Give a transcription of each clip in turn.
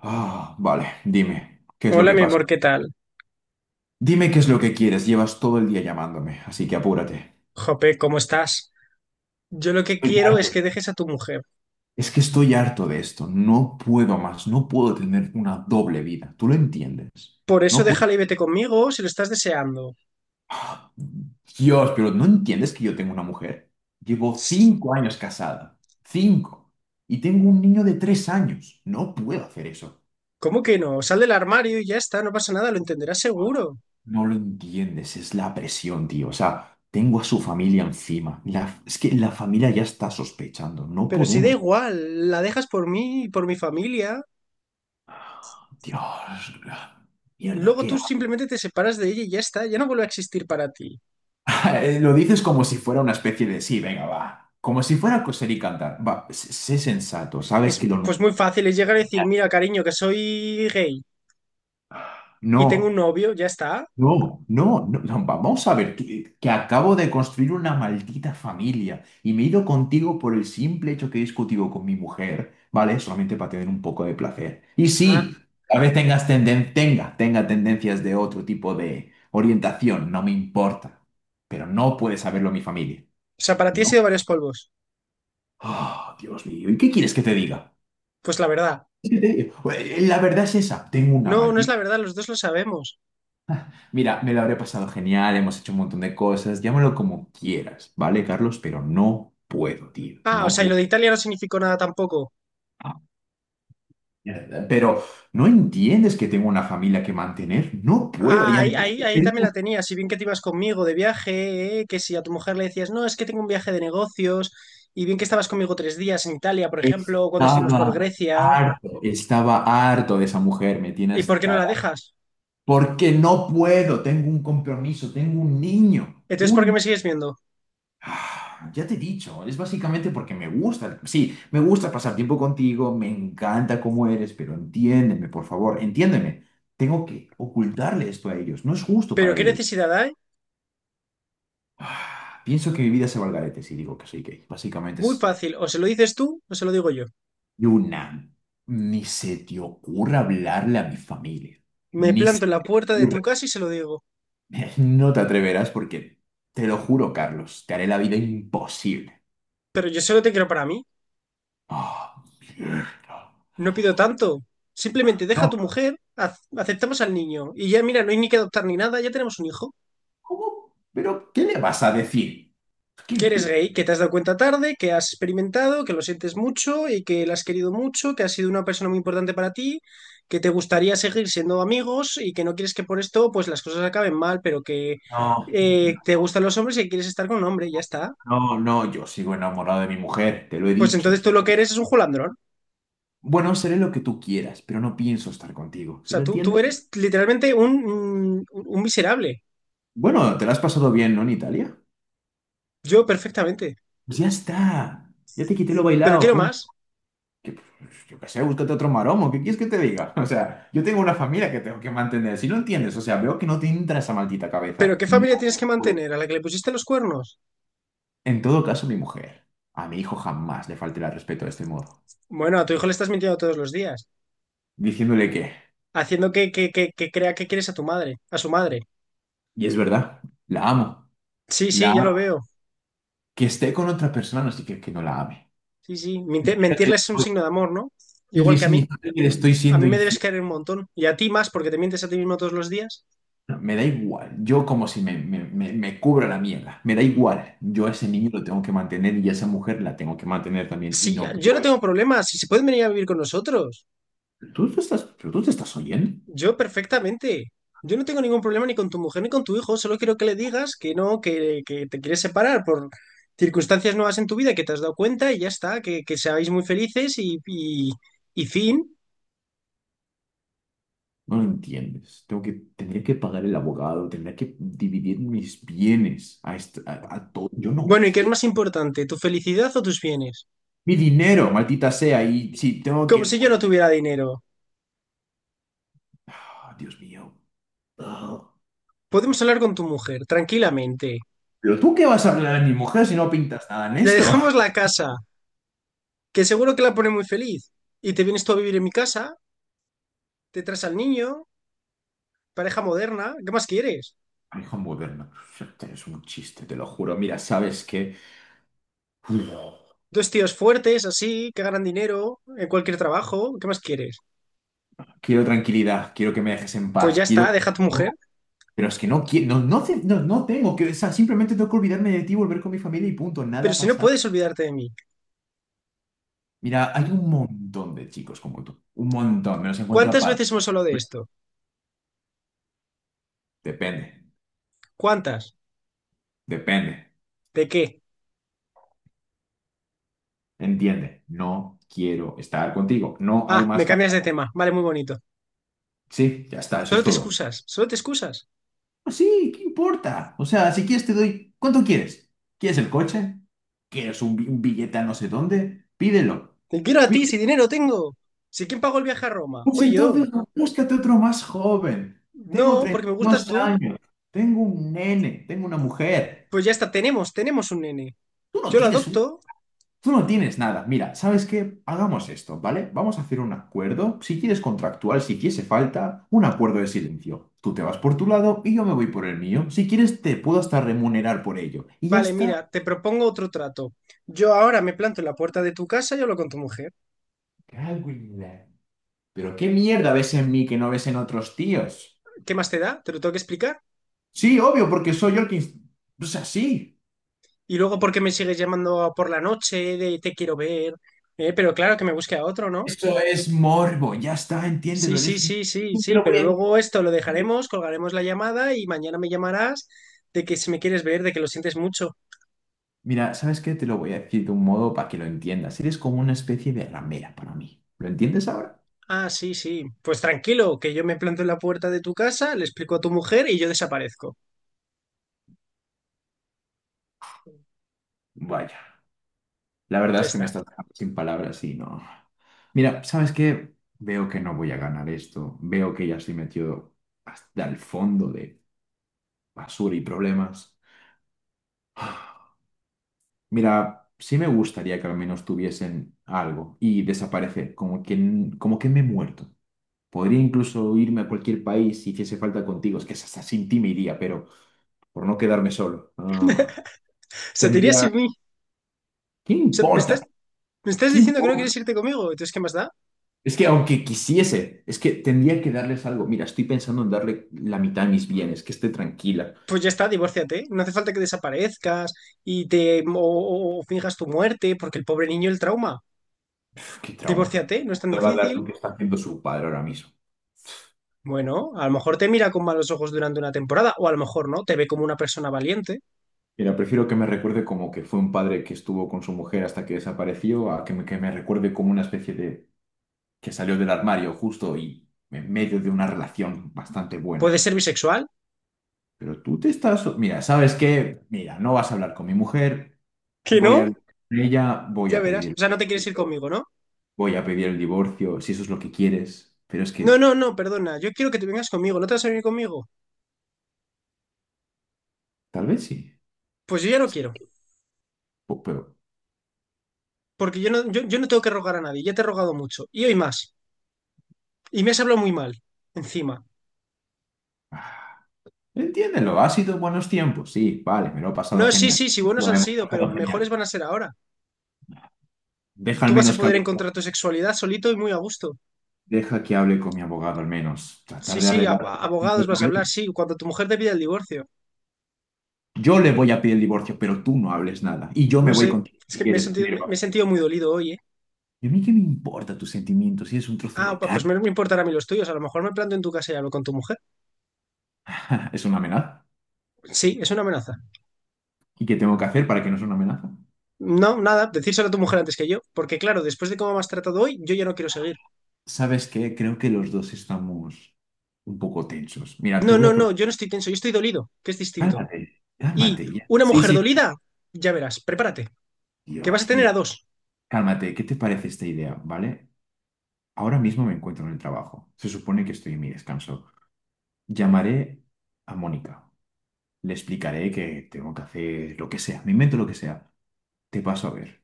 Ah, vale, dime, ¿qué es lo Hola, que mi pasa? amor, ¿qué tal? Dime qué es lo que quieres, llevas todo el día llamándome, así que apúrate. Jope, ¿cómo estás? Yo lo que Estoy quiero es harto. que dejes a tu mujer. Es que estoy harto de esto, no puedo más, no puedo tener una doble vida, ¿tú lo entiendes? Por eso No puedo. déjala y vete conmigo si lo estás deseando. Ah, Dios, pero ¿no entiendes que yo tengo una mujer? Llevo Ss, 5 años casada, 5, y tengo un niño de 3 años, no puedo hacer eso. ¿cómo que no? Sal del armario y ya está, no pasa nada, lo entenderás seguro. No lo entiendes, es la presión, tío. O sea, tengo a su familia encima. Es que la familia ya está sospechando. No Pero si da podemos. igual, la dejas por mí y por mi familia. Dios, mierda, Luego ¿qué tú hago? simplemente te separas de ella y ya está, ya no vuelve a existir para ti. Lo dices como si fuera una especie de sí, venga, va. Como si fuera coser y cantar. Va, sé sensato, sabes Es que lo pues no. muy fácil, es llegar a decir, mira, cariño, que soy gay y tengo un No. novio, ya está. No, no, no, no, vamos a ver, que acabo de construir una maldita familia y me he ido contigo por el simple hecho que he discutido con mi mujer, ¿vale? Solamente para tener un poco de placer. Y Ah, sí, a vez tenga tendencias de otro tipo de orientación, no me importa, pero no puede saberlo mi familia, o sea, para ti he ¿no? sido varios polvos. Ah, Dios mío, ¿y qué quieres que te diga? Pues la verdad. ¿Qué te digo? La verdad es esa, tengo una No, no es la maldita. verdad, los dos lo sabemos. Mira, me lo habré pasado genial, hemos hecho un montón de cosas, llámalo como quieras, ¿vale, Carlos? Pero no puedo, tío, Ah, o no sea, y lo puedo. de Italia no significó nada tampoco. Ah, mierda. Pero no entiendes que tengo una familia que mantener, no puedo. Y Ah, ahí, además ahí, ahí te también la digo, tenía. Si bien que te ibas conmigo de viaje, que si a tu mujer le decías, no, es que tengo un viaje de negocios, y bien que estabas conmigo tres días en Italia, por ejemplo, o cuando estuvimos por estaba Grecia. harto, estaba harto de esa mujer, me tiene ¿Y por qué no hasta... la dejas? Porque no puedo, tengo un compromiso, tengo un niño, Entonces, ¿por qué un. me sigues viendo? Ah, ya te he dicho, es básicamente porque me gusta, sí, me gusta pasar tiempo contigo, me encanta cómo eres, pero entiéndeme, por favor, entiéndeme. Tengo que ocultarle esto a ellos, no es justo Pero para ¿qué ellos. necesidad hay? Ah, pienso que mi vida se va al garete si digo que soy gay. Básicamente Muy es fácil, o se lo dices tú o se lo digo yo. una. Ni se te ocurra hablarle a mi familia, Me ni planto se en la te puerta de ocurra. tu casa y se lo digo. No te atreverás, porque, te lo juro, Carlos, te haré la vida imposible. Pero yo solo te quiero para mí, Ah, mierda. no pido tanto. Simplemente deja a No, tu mujer, aceptamos al niño, y ya mira, no hay ni que adoptar ni nada, ya tenemos un hijo. ¿cómo? ¿Pero qué le vas a decir? ¿Qué? Que eres gay, que te has dado cuenta tarde, que has experimentado, que lo sientes mucho y que la has querido mucho, que has sido una persona muy importante para ti, que te gustaría seguir siendo amigos y que no quieres que por esto pues las cosas acaben mal, pero que No, te gustan los hombres y que quieres estar con un hombre, y ya está. no, no, yo sigo enamorado de mi mujer, te lo he Pues dicho. entonces tú lo que eres es un julandrón. O Bueno, seré lo que tú quieras, pero no pienso estar contigo, ¿sí sea, lo tú entiendes? eres literalmente un, un miserable. Bueno, te lo has pasado bien, ¿no, en Italia? Yo perfectamente. Pues ya está, ya te quité lo Pero bailado, quiero punto. más. Que, pues, yo qué sé, búscate otro maromo, ¿qué quieres que te diga? O sea, yo tengo una familia que tengo que mantener, si lo entiendes, o sea, veo que no te entra esa maldita ¿Pero cabeza. qué No. familia tienes que mantener? ¿A la que le pusiste los cuernos? En todo caso, mi mujer, a mi hijo jamás le faltará el respeto de este modo, Bueno, a tu hijo le estás mintiendo todos los días, diciéndole que... haciendo que crea que quieres a tu madre, a su madre. Y es verdad, la amo. Sí, La sí, ya lo amo. veo. Que esté con otra persona no significa que no la ame. Sí, sí. Significa que Mentirle es un estoy- signo de amor, ¿no? Le Igual que a mí. significa que le estoy A siendo mí me debes infiel. querer un montón. Y a ti más, porque te mientes a ti mismo todos los días. No, me da igual. Yo como si me cubra la mierda. Me da igual. Yo a ese niño lo tengo que mantener y a esa mujer la tengo que mantener también. Y Sí, no yo no tengo puedo. problemas. Si se pueden venir a vivir con nosotros. ¿Pero tú te estás oyendo? Yo perfectamente. Yo no tengo ningún problema ni con tu mujer ni con tu hijo. Solo quiero que le digas que no, que te quieres separar por circunstancias nuevas en tu vida que te has dado cuenta y ya está. Que seáis muy felices y fin. No lo entiendes. Tendría que pagar el abogado, tendría que dividir mis bienes a todo. Yo no Bueno, ¿y qué es quiero más importante, tu felicidad o tus bienes? mi dinero, maldita sea. Y si tengo Como que... si yo no tuviera dinero. Ah, Dios mío. Ah, Podemos hablar con tu mujer, tranquilamente. pero tú qué vas a hablar de mi mujer si no pintas nada en Le esto. dejamos la casa, que seguro que la pone muy feliz. Y te vienes tú a vivir en mi casa, te traes al niño, pareja moderna, ¿qué más quieres? Hijo moderno, es un chiste, te lo juro. Mira, ¿sabes qué? Uf, Dos tíos fuertes, así, que ganan dinero en cualquier trabajo, ¿qué más quieres? quiero tranquilidad, quiero que me dejes en Pues ya paz, quiero... está, deja a tu mujer. Pero es que no quiero, no, no, no, no tengo que, o sea, simplemente tengo que olvidarme de ti, volver con mi familia y punto, nada Pero ha si no pasado. puedes olvidarte de mí. Mira, hay un montón de chicos como tú, un montón, me los encuentro ¿Cuántas aparte. veces hemos hablado de esto? Depende, ¿Cuántas? depende, ¿De qué? entiende, no quiero estar contigo, no hay Ah, más... me cambias de tema. Vale, muy bonito. Sí, ya está, eso Solo es te todo. excusas, solo te excusas. Pues sí, ¿qué importa? O sea, si quieres te doy... ¿Cuánto quieres? ¿Quieres el coche? ¿Quieres un billete a no sé dónde? Pídelo. Te quiero a Pi- ti, si dinero tengo. Si quién pagó el viaje a Roma, Pues fui yo. entonces búscate otro más joven. Tengo No, treinta porque me y gustas dos tú. años. Tengo un nene. Tengo una mujer. Pues ya está, tenemos un nene. Tú no Yo lo tienes un- adopto. Tú no tienes nada. Mira, ¿sabes qué? Hagamos esto, ¿vale? Vamos a hacer un acuerdo. Si quieres contractual, si quieres falta, un acuerdo de silencio. Tú te vas por tu lado y yo me voy por el mío. Si quieres, te puedo hasta remunerar por ello. Y ya Vale, está. mira, te propongo otro trato. Yo ahora me planto en la puerta de tu casa y hablo con tu mujer. Cago en pero qué mierda ves en mí que no ves en otros tíos. ¿Qué más te da? Te lo tengo que explicar. Sí, obvio, porque soy yo el que... O sea, sí. Y luego, ¿por qué me sigues llamando por la noche de te quiero ver? Pero claro que me busque a otro, ¿no? Eso es morbo, ya está, Sí, entiéndelo, sí, eres un... sí, sí, Te sí, lo pero voy a luego esto lo decir. dejaremos, colgaremos la llamada y mañana me llamarás de que si me quieres ver, de que lo sientes mucho. Mira, ¿sabes qué? Te lo voy a decir de un modo para que lo entiendas. Eres como una especie de ramera para mí. ¿Lo entiendes ahora? Ah, sí, sí. Pues tranquilo, que yo me planto en la puerta de tu casa, le explico a tu mujer y yo desaparezco. Vaya, la verdad Ya es que me está. estás dejando sin palabras y no. Mira, ¿sabes qué? Veo que no voy a ganar esto. Veo que ya estoy metido hasta el fondo de basura y problemas. Mira, sí me gustaría que al menos tuviesen algo y desaparecer, como que me he muerto. Podría incluso irme a cualquier país si hiciese falta contigo, es que hasta sin ti me iría, pero por no quedarme solo. Ah, O sea, te irías tendría... sin mí. O ¿Qué sea, importa? Me estás ¿Qué diciendo que no importa? quieres irte conmigo? Entonces, ¿qué más da? Es que aunque quisiese, es que tendría que darles algo. Mira, estoy pensando en darle la mitad de mis bienes, que esté tranquila. Pues ya está, divórciate. No hace falta que desaparezcas y te o finjas tu muerte, porque el pobre niño el trauma. Uf, qué trauma. Divórciate, no es tan No le va a dar lo difícil. que está haciendo su padre ahora mismo. Bueno, a lo mejor te mira con malos ojos durante una temporada, o a lo mejor no, te ve como una persona valiente. Mira, prefiero que me recuerde como que fue un padre que estuvo con su mujer hasta que desapareció, a que me recuerde como una especie de que salió del armario justo y en medio de una relación bastante Puede buena. ser bisexual. Pero tú te estás... Mira, ¿sabes qué? Mira, no vas a hablar con mi mujer, ¿Que voy a no? hablar con ella, Ya verás. O el sea, no te quieres ir divorcio, conmigo, ¿no? voy a pedir el divorcio, si eso es lo que quieres. Pero es No, que no, no, perdona. Yo quiero que te vengas conmigo. ¿No te vas a venir conmigo? tal vez sí. Pues yo ya no Sí, quiero. Pero... Porque yo no tengo que rogar a nadie. Ya te he rogado mucho. Y hoy más. Y me has hablado muy mal. Encima. Ah, entiéndelo, ha sido buenos tiempos, sí, vale, me lo he pasado No, sí, genial. sí, sí, buenos Lo han hemos sido, pero pasado mejores genial. van a ser ahora. Deja Tú al vas a menos que poder hable, encontrar tu sexualidad solito y muy a gusto. deja que hable con mi abogado al menos. Sí, Tratar de sí, arreglar los asuntos abogados de vas a hablar, papel. sí, cuando tu mujer te pida el divorcio. Yo le voy a pedir el divorcio, pero tú no hables nada. Y yo me No voy sé. contigo Es si que me he quieres, sentido, pero... me he sentido muy dolido hoy, ¿eh? ¿Y a mí qué me importa tus sentimientos si es un trozo Ah, de pues carne? Me importará a mí los tuyos. A lo mejor me planto en tu casa y hablo con tu mujer. ¿Es una amenaza? Sí, es una amenaza. ¿Y qué tengo que hacer para que no sea una amenaza? No, nada, decírselo a tu mujer antes que yo, porque claro, después de cómo me has tratado hoy, yo ya no quiero seguir. ¿Sabes qué? Creo que los dos estamos un poco tensos. Mira, te No, voy no, a no, proponer... yo no estoy tenso, yo estoy dolido, que es distinto. Cálmate, Y cálmate ya. una Sí, mujer sí. dolida, ya verás, prepárate, que vas a Dios, tener mira, a dos. cálmate. ¿Qué te parece esta idea, vale? Ahora mismo me encuentro en el trabajo. Se supone que estoy en mi descanso. Llamaré a Mónica. Le explicaré que tengo que hacer lo que sea. Me invento lo que sea. Te paso a ver.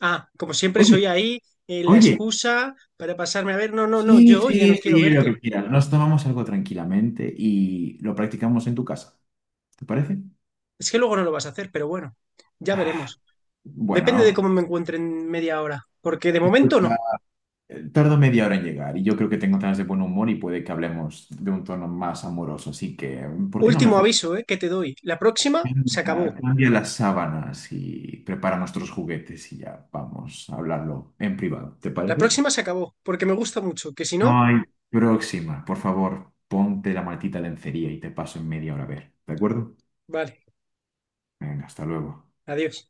Ah, como siempre soy Oye, ahí, la oye. excusa para pasarme a ver, no, no, no, Sí, yo hoy ya sí, no quiero sí, lo que verte. quieras. Nos tomamos algo tranquilamente y lo practicamos en tu casa. ¿Te parece? Es que luego no lo vas a hacer, pero bueno, ya Ah, veremos. Depende de bueno, cómo me encuentre en media hora, porque de momento escucha, no. Tardo media hora en llegar y yo creo que tengo ganas de buen humor y puede que hablemos de un tono más amoroso. Así que, ¿por qué no Último mejor? aviso, que te doy. La próxima se Cambia, acabó. cambia las sábanas y prepara nuestros juguetes y ya vamos a hablarlo en privado. ¿Te La parece? próxima se acabó, porque me gusta mucho, que si no, No hay próxima. Por favor, ponte la maldita lencería y te paso en media hora a ver. ¿De acuerdo? vale, Venga, hasta luego. adiós.